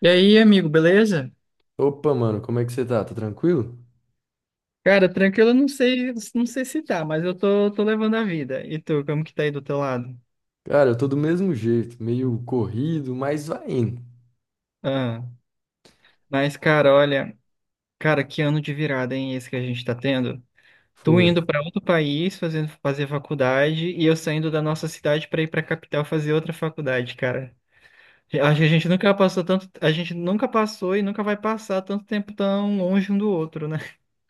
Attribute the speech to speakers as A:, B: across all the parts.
A: E aí, amigo, beleza?
B: Opa, mano, como é que você tá? Tá tranquilo?
A: Cara, tranquilo, eu não sei, não sei se tá, mas eu tô, levando a vida. E tu, como que tá aí do teu lado?
B: Cara, eu tô do mesmo jeito, meio corrido, mas vai indo.
A: Ah, mas, cara, olha, Cara, que ano de virada, hein, esse que a gente tá tendo? Tu
B: Foi.
A: indo pra outro país, fazendo fazer faculdade, e eu saindo da nossa cidade pra ir pra capital fazer outra faculdade, cara. Acho que a gente nunca passou tanto, a gente nunca passou e nunca vai passar tanto tempo tão longe um do outro, né?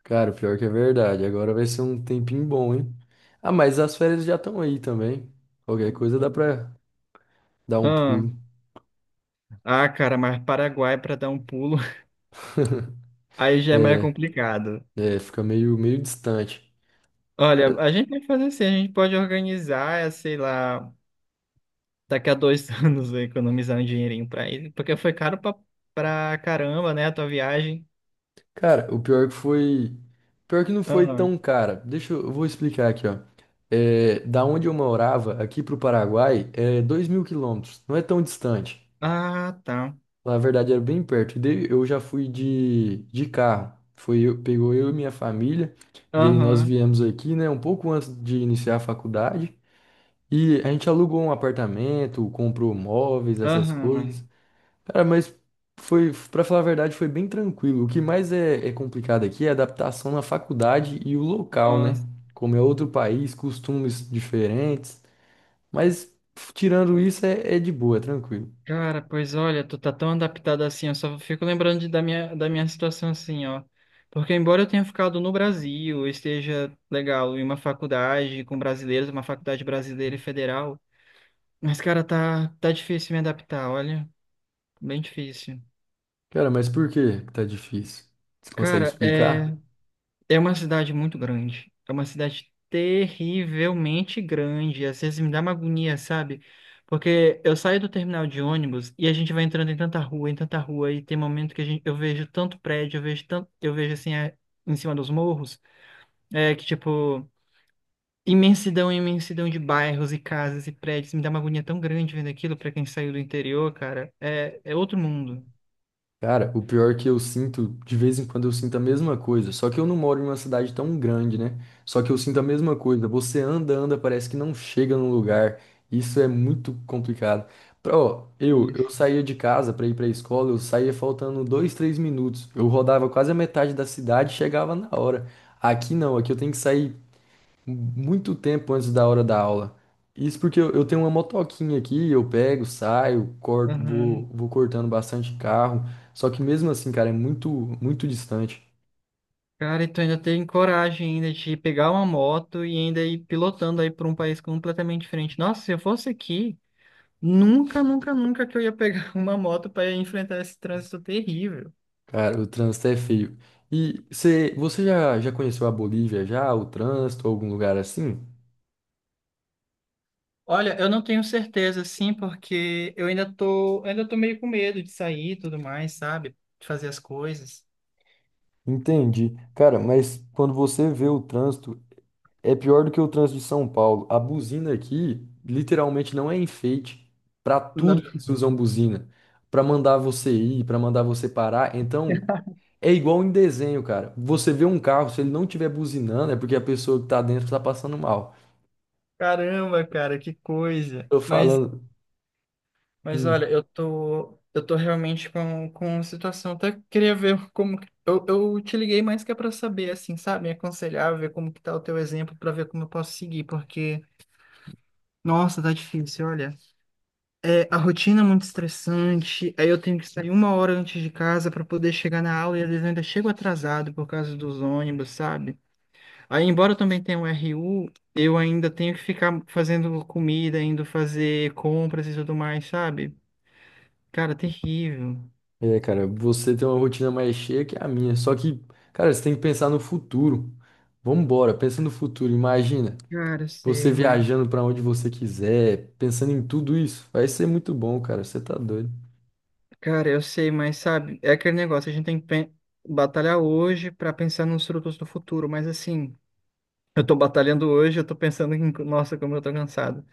B: Cara, o pior que é verdade, agora vai ser um tempinho bom, hein? Ah, mas as férias já estão aí também. Qualquer coisa dá pra dar um
A: Ah,
B: pulo.
A: cara, mas Paraguai pra dar um pulo, aí já é mais
B: É,
A: complicado.
B: fica meio distante.
A: Olha, a gente pode fazer assim, a gente pode organizar, sei lá, daqui a dois anos economizar um dinheirinho pra ir, porque foi caro pra, pra caramba, né, a tua viagem.
B: Cara, o pior que foi. Pior que não foi tão
A: Aham.
B: cara. Eu vou explicar aqui, ó. É, da onde eu morava, aqui pro Paraguai, é 2000 quilômetros. Não é tão distante.
A: Ah, tá.
B: Na verdade, era bem perto. Daí eu já fui de carro. Foi eu, pegou eu e minha família. Daí nós
A: Aham,
B: viemos aqui, né, um pouco antes de iniciar a faculdade. E a gente alugou um apartamento, comprou móveis, essas coisas.
A: aham.
B: Cara, mas foi, para falar a verdade, foi bem tranquilo. O que mais é complicado aqui é a adaptação na faculdade e o local, né?
A: Nossa,
B: Como é outro país, costumes diferentes. Mas tirando isso, é de boa, é tranquilo.
A: cara, pois olha, tu tá tão adaptado assim, eu só fico lembrando da minha situação assim, ó. Porque embora eu tenha ficado no Brasil, eu esteja legal em uma faculdade com brasileiros, uma faculdade brasileira e federal, mas, cara, tá difícil me adaptar, olha. Bem difícil.
B: Cara, mas por que que tá difícil? Você consegue
A: Cara,
B: explicar?
A: é, é uma cidade muito grande. É uma cidade terrivelmente grande. Às vezes me dá uma agonia, sabe? Porque eu saio do terminal de ônibus e a gente vai entrando em tanta rua, e tem momento que a gente, eu vejo tanto prédio, eu vejo tanto, eu vejo assim, em cima dos morros, é que tipo, imensidão, imensidão de bairros e casas e prédios. Me dá uma agonia tão grande vendo aquilo pra quem saiu do interior, cara. É, é outro mundo.
B: Cara, o pior é que eu sinto, de vez em quando eu sinto a mesma coisa, só que eu não moro em uma cidade tão grande, né? Só que eu sinto a mesma coisa. Você anda, anda, parece que não chega no lugar. Isso é muito complicado. Pra, ó, eu
A: Isso.
B: saía de casa pra ir pra escola, eu saía faltando 2, 3 minutos. Eu rodava quase a metade da cidade e chegava na hora. Aqui não, aqui eu tenho que sair muito tempo antes da hora da aula. Isso porque eu tenho uma motoquinha aqui, eu pego, saio, corto,
A: Aham.
B: vou cortando bastante carro. Só que mesmo assim, cara, é muito, muito distante.
A: Cara, e tu ainda tem coragem ainda de pegar uma moto e ainda ir pilotando aí para um país completamente diferente. Nossa, se eu fosse aqui, nunca, nunca, nunca que eu ia pegar uma moto para enfrentar esse trânsito terrível.
B: Cara, o trânsito é feio. E cê, você já conheceu a Bolívia já, o trânsito, algum lugar assim?
A: Olha, eu não tenho certeza, assim, porque eu ainda tô meio com medo de sair e tudo mais, sabe? De fazer as coisas.
B: Entendi. Cara, mas quando você vê o trânsito, é pior do que o trânsito de São Paulo. A buzina aqui literalmente não é enfeite. Para tudo
A: Não.
B: eles usam buzina. Para mandar você ir, para mandar você parar. Então, é igual em desenho, cara. Você vê um carro, se ele não tiver buzinando, é porque a pessoa que tá dentro tá passando mal.
A: Caramba, cara, que coisa.
B: Tô
A: Mas
B: falando.
A: Mas olha,
B: Hum,
A: eu tô realmente com uma situação. Até queria ver como. Eu te liguei mais que é pra saber, assim, sabe? Me aconselhar, ver como que tá o teu exemplo, pra ver como eu posso seguir, porque. Nossa, tá difícil, olha. É, a rotina é muito estressante, aí eu tenho que sair uma hora antes de casa pra poder chegar na aula e às vezes eu ainda chego atrasado por causa dos ônibus, sabe? Aí, embora eu também tenha um RU, eu ainda tenho que ficar fazendo comida, indo fazer compras e tudo mais, sabe? Cara, terrível.
B: é, cara, você tem uma rotina mais cheia que a minha. Só que, cara, você tem que pensar no futuro. Vambora, pensa no futuro. Imagina.
A: Cara, eu
B: Você
A: sei, mãe.
B: viajando pra onde você quiser, pensando em tudo isso, vai ser muito bom, cara. Você tá doido.
A: Cara, eu sei, mas sabe, é aquele negócio, a gente tem que batalhar hoje para pensar nos frutos do futuro, mas assim, eu tô batalhando hoje, eu tô pensando em, nossa, como eu tô cansado.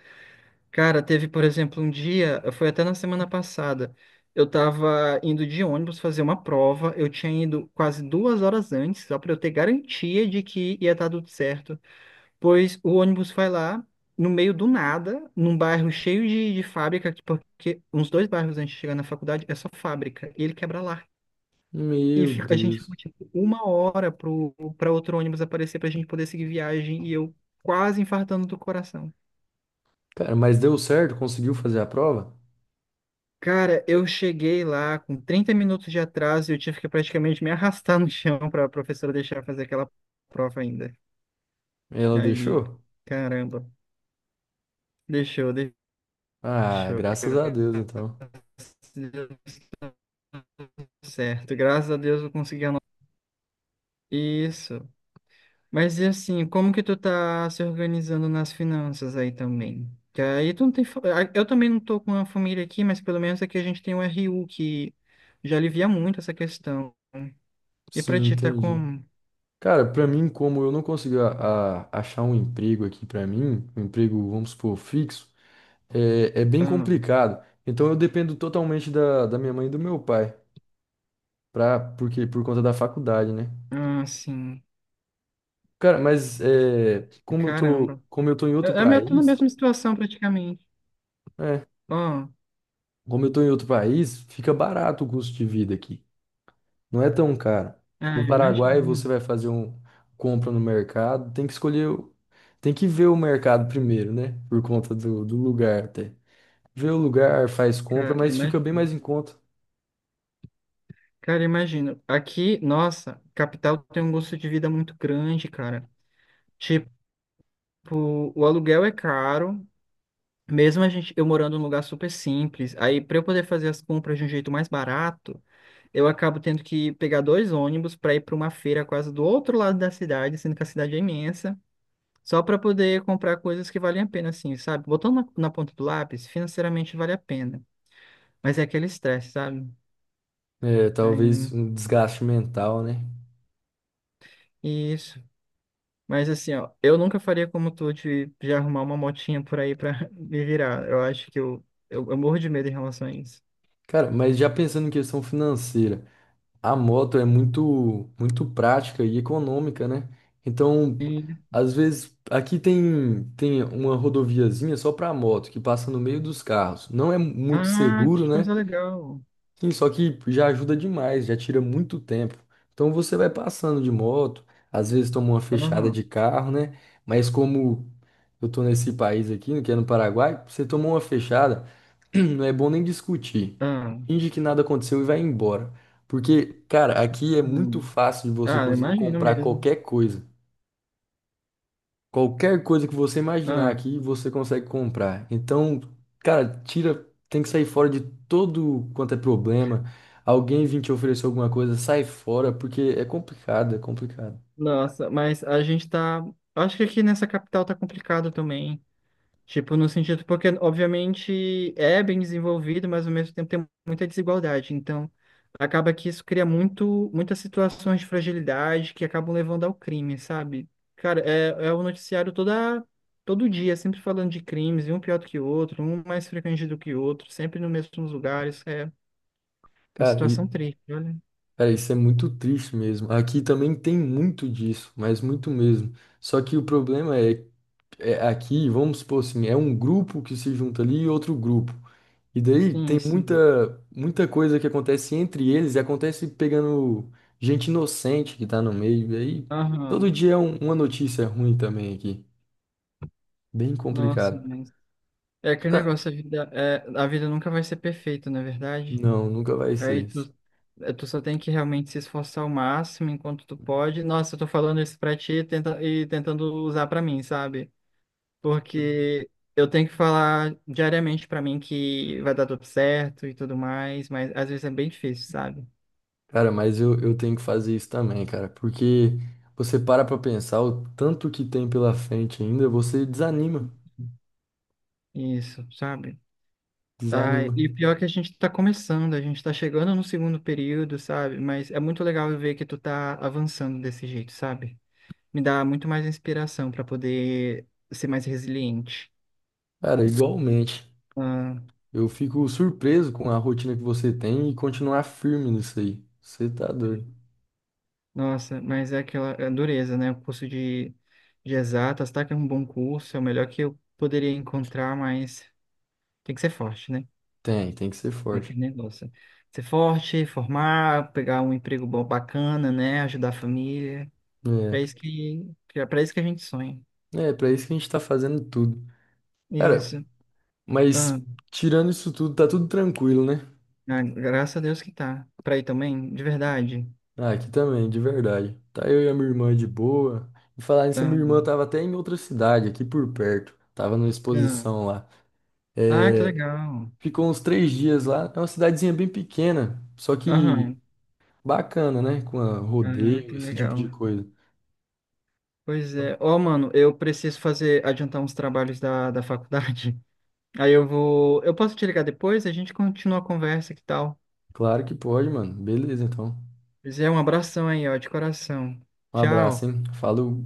A: Cara, teve, por exemplo, um dia, foi até na semana passada, eu tava indo de ônibus fazer uma prova, eu tinha ido quase duas horas antes, só para eu ter garantia de que ia estar tudo certo. Pois o ônibus vai lá, no meio do nada, num bairro cheio de fábrica, porque uns dois bairros antes de chegar na faculdade é só fábrica, e ele quebra lá.
B: Meu
A: A gente ficou
B: Deus.
A: tipo uma hora pro, pra outro ônibus aparecer pra gente poder seguir viagem, e eu quase infartando do coração.
B: Cara, mas deu certo? Conseguiu fazer a prova?
A: Cara, eu cheguei lá com 30 minutos de atraso e eu tive que praticamente me arrastar no chão pra professora deixar eu fazer aquela prova ainda.
B: Ela
A: Aí,
B: deixou?
A: caramba, deixou,
B: Ah,
A: deixou.
B: graças a Deus, então.
A: Certo, graças a Deus eu consegui anotar isso. Mas e assim, como que tu tá se organizando nas finanças aí também? Que aí tu não tem. Eu também não tô com uma família aqui, mas pelo menos aqui a gente tem um RU que já alivia muito essa questão. E pra
B: Sim,
A: ti tá
B: entendi.
A: como?
B: Cara, pra mim, como eu não consegui achar um emprego aqui pra mim, um emprego, vamos supor, fixo, é bem
A: Ah,
B: complicado. Então eu dependo totalmente da minha mãe e do meu pai, pra, porque, por conta da faculdade, né?
A: sim.
B: Cara, mas é,
A: Caramba.
B: como eu tô em
A: Eu,
B: outro
A: eu eu tô na
B: país,
A: mesma situação praticamente.
B: é,
A: Ó,
B: como eu tô em outro país, fica barato o custo de vida aqui. Não é tão caro.
A: ah,
B: No
A: eu
B: Paraguai você
A: imagino.
B: vai fazer um compra no mercado, tem que escolher, tem que ver o mercado primeiro, né? Por conta do lugar até. Vê o lugar, faz compra,
A: Cara,
B: mas fica bem
A: imagina.
B: mais em conta.
A: Cara, eu imagino. Aqui, nossa, capital tem um gosto de vida muito grande, cara. Tipo, Tipo, o aluguel é caro, mesmo a gente, eu morando num lugar super simples. Aí, para eu poder fazer as compras de um jeito mais barato, eu acabo tendo que pegar dois ônibus para ir para uma feira quase do outro lado da cidade, sendo que a cidade é imensa, só para poder comprar coisas que valem a pena, assim, sabe? Botando na, na ponta do lápis, financeiramente vale a pena, mas é aquele estresse, sabe?
B: É, talvez
A: Aí,
B: um desgaste mental, né?
A: isso. Mas assim, ó, eu nunca faria como tu de arrumar uma motinha por aí para me virar. Eu acho que eu morro de medo em relação a isso.
B: Cara, mas já pensando em questão financeira. A moto é muito, muito prática e econômica, né? Então, às vezes, aqui tem uma rodoviazinha só para moto, que passa no meio dos carros. Não é muito
A: Ah,
B: seguro,
A: que
B: né?
A: coisa legal.
B: Sim, só que já ajuda demais, já tira muito tempo. Então, você vai passando de moto, às vezes toma uma fechada de
A: Aham.
B: carro, né? Mas como eu tô nesse país aqui, que é no Paraguai, você tomou uma fechada. Não é bom nem discutir.
A: Ah,
B: Finge que nada aconteceu e vai embora. Porque, cara, aqui é muito
A: hum.
B: fácil de você
A: Ah, eu
B: conseguir
A: imagino
B: comprar
A: mesmo.
B: qualquer coisa. Qualquer coisa que você imaginar
A: Ah,
B: aqui, você consegue comprar. Então, cara, tira, tem que sair fora de todo quanto é problema. Alguém vir te oferecer alguma coisa, sai fora, porque é complicado, é complicado.
A: nossa, mas a gente tá. Acho que aqui nessa capital tá complicado também. Tipo, no sentido, porque obviamente é bem desenvolvido, mas ao mesmo tempo tem muita desigualdade. Então, acaba que isso cria muito, muitas situações de fragilidade que acabam levando ao crime, sabe? Cara, é, é o noticiário toda, todo dia, sempre falando de crimes, e um pior do que o outro, um mais frequente do que o outro, sempre nos mesmos lugares. É uma
B: Cara, e,
A: situação triste, olha.
B: cara, isso é muito triste mesmo. Aqui também tem muito disso, mas muito mesmo. Só que o problema é, aqui, vamos supor assim, é um grupo que se junta ali e outro grupo. E daí
A: Sim,
B: tem
A: sim.
B: muita coisa que acontece entre eles e acontece pegando gente inocente que tá no meio. E aí todo
A: Aham.
B: dia é uma notícia ruim também aqui. Bem
A: Nossa,
B: complicado.
A: mas. É aquele
B: Cara,
A: negócio, a vida, é, a vida nunca vai ser perfeita, não é verdade?
B: não, nunca vai
A: Aí
B: ser.
A: tu, tu só tem que realmente se esforçar ao máximo enquanto tu pode. Nossa, eu tô falando isso pra ti tenta, e tentando usar pra mim, sabe? Porque eu tenho que falar diariamente pra mim que vai dar tudo certo e tudo mais, mas às vezes é bem difícil, sabe?
B: Cara, mas eu tenho que fazer isso também, cara, porque você para pra pensar o tanto que tem pela frente ainda, você desanima,
A: Isso, sabe? Ah,
B: desanima.
A: e pior é que a gente tá começando, a gente tá chegando no segundo período, sabe? Mas é muito legal ver que tu tá avançando desse jeito, sabe? Me dá muito mais inspiração pra poder ser mais resiliente.
B: Cara, igualmente. Eu fico surpreso com a rotina que você tem e continuar firme nisso aí. Você tá doido.
A: Nossa, mas é aquela é dureza, né? O curso de exatas, tá? Que é um bom curso, é o melhor que eu poderia encontrar, mas tem que ser forte, né?
B: Tem que ser
A: É
B: forte.
A: aquele negócio. Ser forte, formar, pegar um emprego bom, bacana, né? Ajudar a família. Pra
B: É,
A: isso pra isso que a gente sonha.
B: é pra isso que a gente tá fazendo tudo. Cara,
A: Isso. Ah,
B: mas tirando isso tudo, tá tudo tranquilo, né?
A: graças a Deus que tá. Pra ir também, de verdade.
B: Ah, aqui também, de verdade. Tá eu e a minha irmã de boa. E falar nisso, a
A: Ah,
B: minha irmã tava até em outra cidade, aqui por perto. Tava numa
A: ah.
B: exposição lá.
A: Ah, que legal.
B: Ficou uns 3 dias lá. É uma cidadezinha bem pequena, só que
A: Aham.
B: bacana, né? Com a
A: Ah,
B: rodeio,
A: que
B: esse tipo de
A: legal.
B: coisa.
A: Pois é. Ó, mano, eu preciso fazer, adiantar uns trabalhos da, da faculdade. Aí eu vou. Eu posso te ligar depois? A gente continua a conversa, que tal?
B: Claro que pode, mano. Beleza, então.
A: Pois é, um abração aí, ó, de coração.
B: Um abraço,
A: Tchau.
B: hein? Falou.